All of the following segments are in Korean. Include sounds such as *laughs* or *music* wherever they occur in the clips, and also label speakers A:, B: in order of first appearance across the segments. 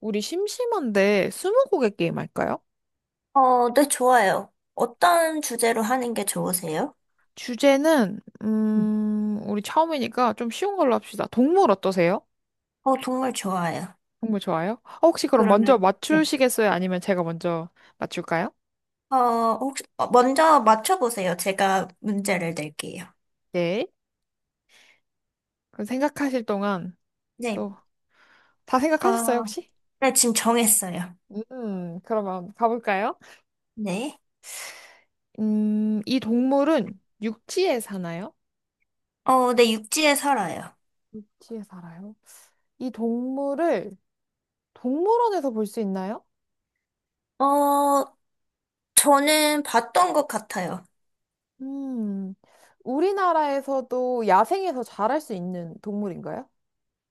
A: 우리 심심한데 스무고개 게임 할까요?
B: 네, 좋아요. 어떤 주제로 하는 게 좋으세요?
A: 주제는
B: 음.
A: 우리 처음이니까 좀 쉬운 걸로 합시다. 동물 어떠세요?
B: 정말 좋아요.
A: 동물 좋아요? 혹시 그럼 먼저
B: 그러면, 네.
A: 맞추시겠어요? 아니면 제가 먼저 맞출까요?
B: 어, 혹시, 먼저 맞춰보세요. 제가 문제를 낼게요.
A: 네. 그럼 생각하실 동안
B: 네.
A: 또 다 생각하셨어요,
B: 어,
A: 혹시?
B: 네, 지금 정했어요.
A: 그러면 가볼까요?
B: 네.
A: 이 동물은 육지에 사나요?
B: 네, 육지에 살아요.
A: 육지에 살아요? 이 동물을 동물원에서 볼 수 있나요?
B: 어, 저는 봤던 것 같아요.
A: 음, 우리나라에서도 야생에서 자랄 수 있는 동물인가요?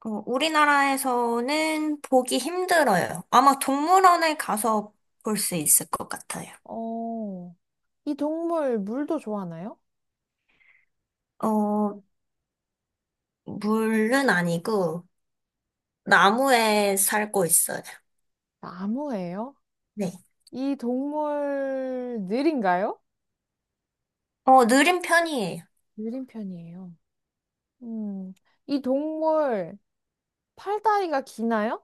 B: 우리나라에서는 보기 힘들어요. 아마 동물원에 가서 볼 수 있을 것 같아요.
A: 어, 이 동물 물도 좋아하나요?
B: 어, 물은 아니고, 나무에 살고 있어요.
A: 나무예요?
B: 네.
A: 이 동물 느린가요?
B: 느린 편이에요.
A: 느린 편이에요. 음, 이 동물 팔다리가 기나요?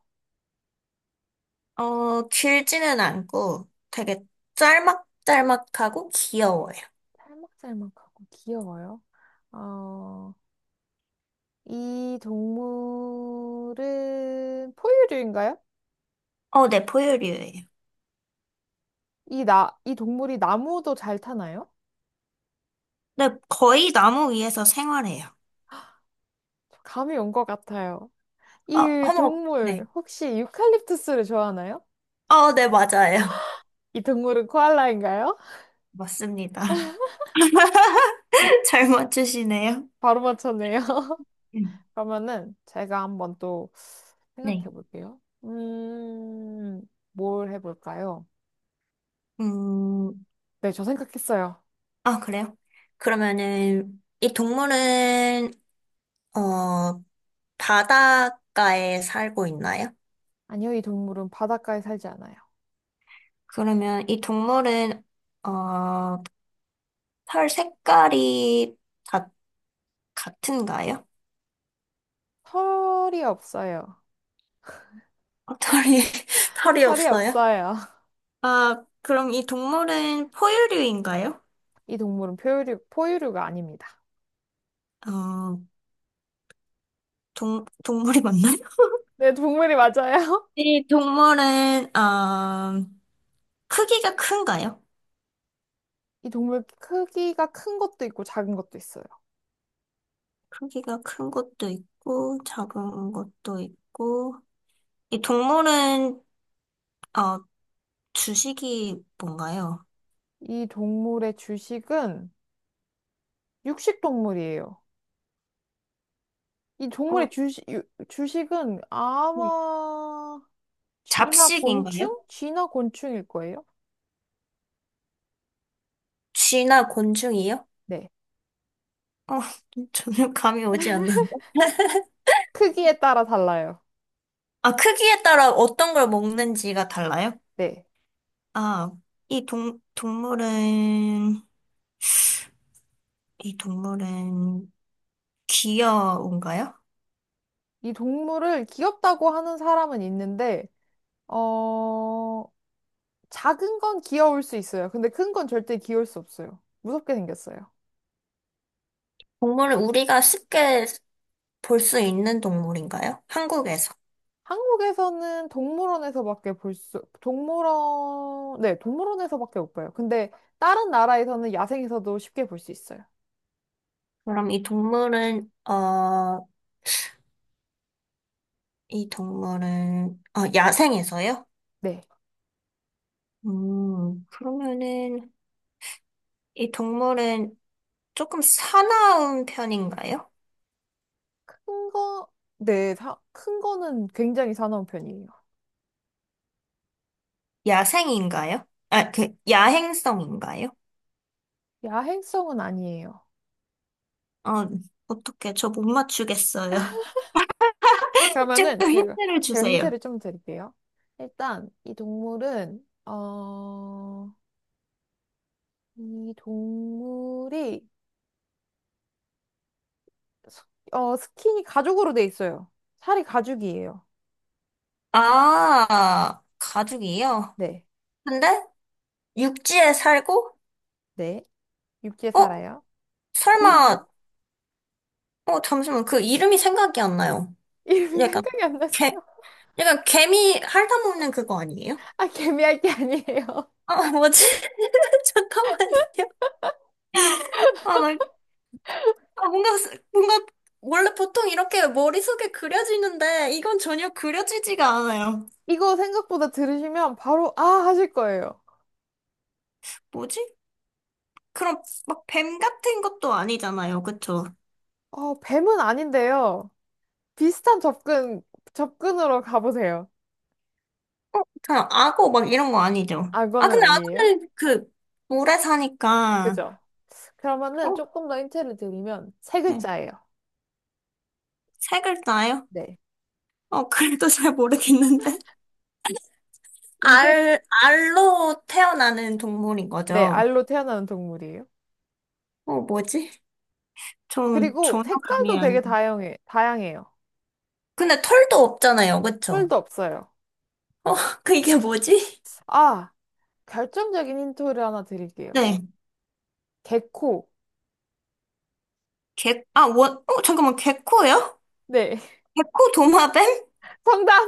B: 길지는 않고 되게 짤막짤막하고 귀여워요.
A: 살막살막하고 귀여워요. 어, 이 동물은 포유류인가요?
B: 네, 포유류예요.
A: 이 동물이 나무도 잘 타나요?
B: 네, 거의 나무 위에서 생활해요.
A: 감이 온 것 같아요. 이
B: 어머,
A: 동물
B: 네.
A: 혹시 유칼립투스를 좋아하나요?
B: 네, 맞아요.
A: 이 동물은 코알라인가요? *laughs*
B: 맞습니다. *laughs* 잘 맞추시네요.
A: 바로 맞췄네요.
B: 음,
A: *laughs* 그러면은 제가 한번 또 생각해
B: 네.
A: 볼게요. 뭘 해볼까요?
B: 음,
A: 네, 저 생각했어요.
B: 아, 그래요? 그러면은, 이 동물은, 어, 바닷가에 살고 있나요?
A: 아니요, 이 동물은 바닷가에 살지 않아요.
B: 그러면 이 동물은, 어, 털 색깔이 다 같은가요?
A: 털이 없어요.
B: 어, 털이, *laughs* 털이
A: 털이
B: 없어요?
A: 없어요. *laughs*
B: 아, 그럼 이 동물은 포유류인가요?
A: 이 동물은 포유류가 아닙니다.
B: 어, 동물이 맞나요? *laughs*
A: 네, 동물이 맞아요.
B: 이 동물은, 크기가 큰가요?
A: *laughs* 이 동물 크기가 큰 것도 있고 작은 것도 있어요.
B: 크기가 큰 것도 있고, 작은 것도 있고, 이 동물은, 어, 주식이 뭔가요?
A: 이 동물의 주식은 육식 동물이에요. 이 동물의
B: 어,
A: 주식은
B: 네.
A: 아마
B: 잡식인가요?
A: 쥐나 곤충일 거예요.
B: 쥐나 곤충이요?
A: 네.
B: 어, *laughs* 전혀 감이 오지 않는다.
A: 크기에 따라 달라요.
B: 아, 크기에 따라 어떤 걸 먹는지가 달라요?
A: 네.
B: 아, 이 동, 동물은, 이 동물은 귀여운가요?
A: 이 동물을 귀엽다고 하는 사람은 있는데, 어, 작은 건 귀여울 수 있어요. 근데 큰 건 절대 귀여울 수 없어요. 무섭게 생겼어요.
B: 동물은 우리가 쉽게 볼 수 있는 동물인가요? 한국에서.
A: 한국에서는 동물원, 네, 동물원에서밖에 못 봐요. 근데 다른 나라에서는 야생에서도 쉽게 볼 수 있어요.
B: 그럼 이 동물은, 야생에서요?
A: 네.
B: 그러면은, 이 동물은 조금 사나운 편인가요?
A: 큰 거, 네, 큰 거는 굉장히 사나운 편이에요.
B: 야생인가요? 아, 야행성인가요?
A: 야행성은 아니에요.
B: 어, 어떻게 저 못 맞추겠어요. *laughs*
A: 그러면은
B: 조금
A: 제가,
B: 힌트를
A: 제가
B: 주세요.
A: 힌트를 좀 드릴게요. 일단, 이 동물은, 어, 이 동물이, 스- 어, 스킨이 가죽으로 돼 있어요. 살이 가죽이에요.
B: 아, 가죽이요?
A: 네,
B: 근데 육지에 살고?
A: 네. 육지에
B: 어?
A: 살아요. 어렵나요?
B: 설마,
A: *laughs*
B: 잠시만, 그 이름이 생각이 안 나요.
A: 이름 이
B: 약간,
A: 생각이 안 나세요?
B: 개,
A: *laughs*
B: 약간 개미 핥아먹는 그거 아니에요?
A: 아, 개미할 게 아니에요. *laughs*
B: 아, 뭐지? *laughs* 잠깐만요. 아, 나, 아, 뭔가, 스- 뭔가, 원래 보통 이렇게 머릿속에 그려지는데, 이건 전혀 그려지지가 않아요.
A: 이거 생각보다 들으시면 바로, 아, 하실 거예요.
B: 뭐지? 그럼 막 뱀 같은 것도 아니잖아요, 그쵸?
A: 어, 뱀은 아닌데요. 비슷한 접근, 접근으로 가보세요.
B: 그냥 악어 막 이런 거 아니죠? 아,
A: 악어는
B: 근데
A: 아니에요?
B: 악어는 그 물에 사니까
A: 그죠?
B: 어,
A: 그러면은 조금 더 힌트를 드리면 세
B: 네.
A: 글자예요.
B: 세 글자예요?
A: 네.
B: *laughs* 그래도 잘 모르겠는데.
A: 이게, 세-
B: 알로 태어나는 동물인
A: 네,
B: 거죠.
A: 알로 태어나는 동물이에요.
B: 뭐지? 저는
A: 그리고
B: 전혀
A: 색깔도
B: 감이 안.
A: 다양해요.
B: 근데 털도 없잖아요, 그쵸?
A: 털도 없어요.
B: 어, *laughs* 이게 뭐지?
A: 아, 결정적인 힌트를 하나 드릴게요.
B: 네.
A: 개코.
B: 아, 잠깐만, 개코예요?
A: 네.
B: 개코 도마뱀?
A: *laughs* 정답,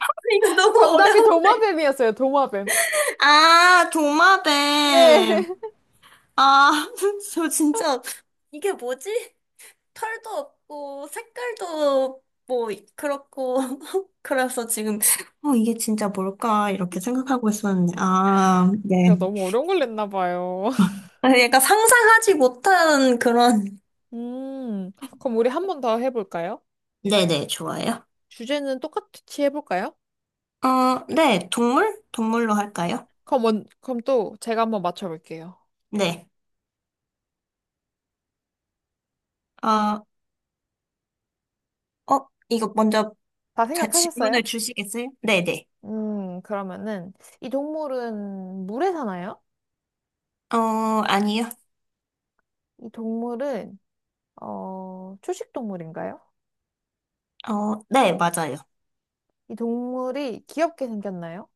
B: *laughs* 이거 너무
A: 정답이
B: 어려운데.
A: 도마뱀이었어요, 도마뱀.
B: 아, 도마뱀.
A: 네. *laughs*
B: 아, *laughs* 저 진짜, 이게 뭐지? 털도 없고, 색깔도 뭐, 그렇고. *laughs* 그래서 지금, 이게 진짜 뭘까? 이렇게 생각하고 있었는데. 아, 네.
A: 제가 너무 어려운 걸 냈나 봐요. *laughs*
B: 아, 약간 상상하지 못한 그런.
A: 음, 그럼 우리 한 번 더 해볼까요?
B: 네네, 좋아요.
A: 주제는 똑같이 해볼까요?
B: 네, 동물? 동물로 할까요?
A: 그럼 또 제가 한번 맞춰볼게요.
B: 네. 어, 이거 먼저
A: 다
B: 질문을
A: 생각하셨어요?
B: 주시겠어요? 네네.
A: 음, 그러면은, 이 동물은 물에 사나요?
B: 어, 아니요.
A: 이 동물은, 초식 동물인가요?
B: 네, 맞아요.
A: 이 동물이 귀엽게 생겼나요?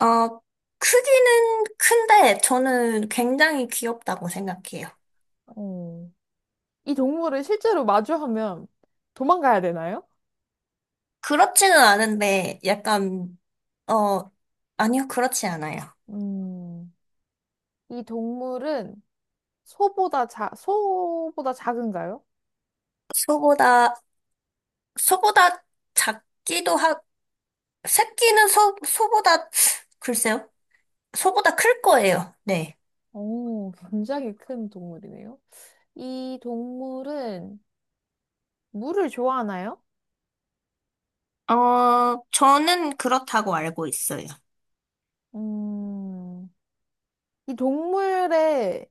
B: 어, 크기는 큰데 저는 굉장히 귀엽다고 생각해요.
A: 음, 이 동물을 실제로 마주하면 도망가야 되나요?
B: 그렇지는 않은데 약간 어 아니요, 그렇지 않아요.
A: 음, 이 동물은 소보다 작은가요?
B: 소보다 소보다 작기도 하 새끼는 소 소보다, 글쎄요, 소보다 클 거예요. 네.
A: 오, 굉장히 큰 동물이네요. 이 동물은 물을 좋아하나요?
B: 저는 그렇다고 알고 있어요.
A: 음, 이 동물의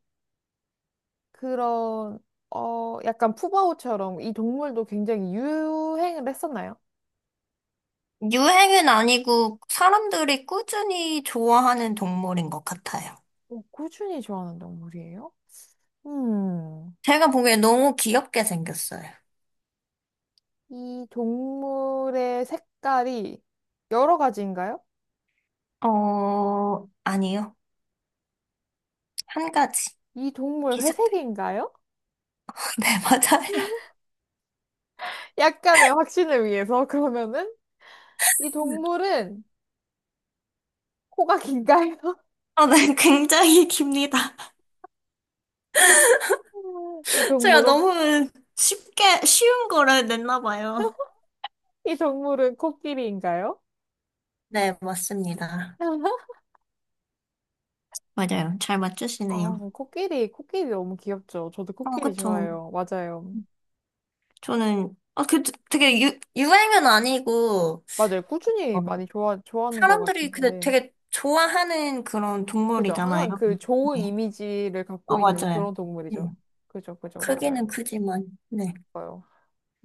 A: 그런, 어, 약간 푸바오처럼 이 동물도 굉장히 유행을 했었나요?
B: 유행은 아니고 사람들이 꾸준히 좋아하는 동물인 것 같아요.
A: 어, 꾸준히 좋아하는 동물이에요? 음,
B: 제가 보기엔 너무 귀엽게 생겼어요.
A: 이 동물의 색깔이 여러 가지인가요?
B: 아니요. 한 가지.
A: 이 동물
B: 비슷해요.
A: 회색인가요?
B: *laughs* 네, 맞아요.
A: 약간의 확신을 위해서 *laughs* 그러면은 이 동물은 코가 긴가요?
B: 네, 굉장히 깁니다.
A: *laughs* 이
B: *laughs* 제가
A: 동물은,
B: 너무 쉽게, 쉬운 거를 냈나 봐요.
A: 이 동물은 코끼리인가요?
B: 네, 맞습니다.
A: *laughs*
B: 맞아요. 잘
A: 아,
B: 맞추시네요.
A: 코끼리 너무 귀엽죠. 저도 코끼리
B: 그쵸.
A: 좋아해요. 맞아요.
B: 저는, 아, 되게 유행은 아니고,
A: 맞아요. 꾸준히
B: 어,
A: 많이 좋아하는 것
B: 사람들이 근데
A: 같으신데.
B: 되게 좋아하는 그런
A: 그죠.
B: 동물이잖아요.
A: 항상 그 좋은
B: 네.
A: 이미지를 갖고 있는
B: 맞아요.
A: 그런
B: 네.
A: 동물이죠. 그죠, 그죠.
B: 크기는
A: 맞아요.
B: 크지만, 네.
A: 좋아요.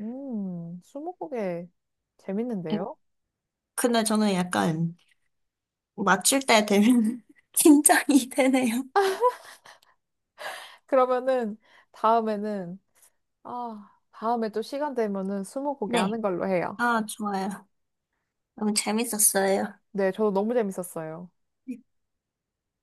A: 스무고개
B: 음,
A: 재밌는데요?
B: 근데 저는 약간 맞출 때 되면. *laughs* 긴장이 되네요.
A: 그러면은 다음에는, 아, 다음에 또 시간 되면은 스무고개
B: 네.
A: 하는 걸로 해요.
B: 아, 좋아요. 너무 재밌었어요.
A: 네, 저도 너무 재밌었어요.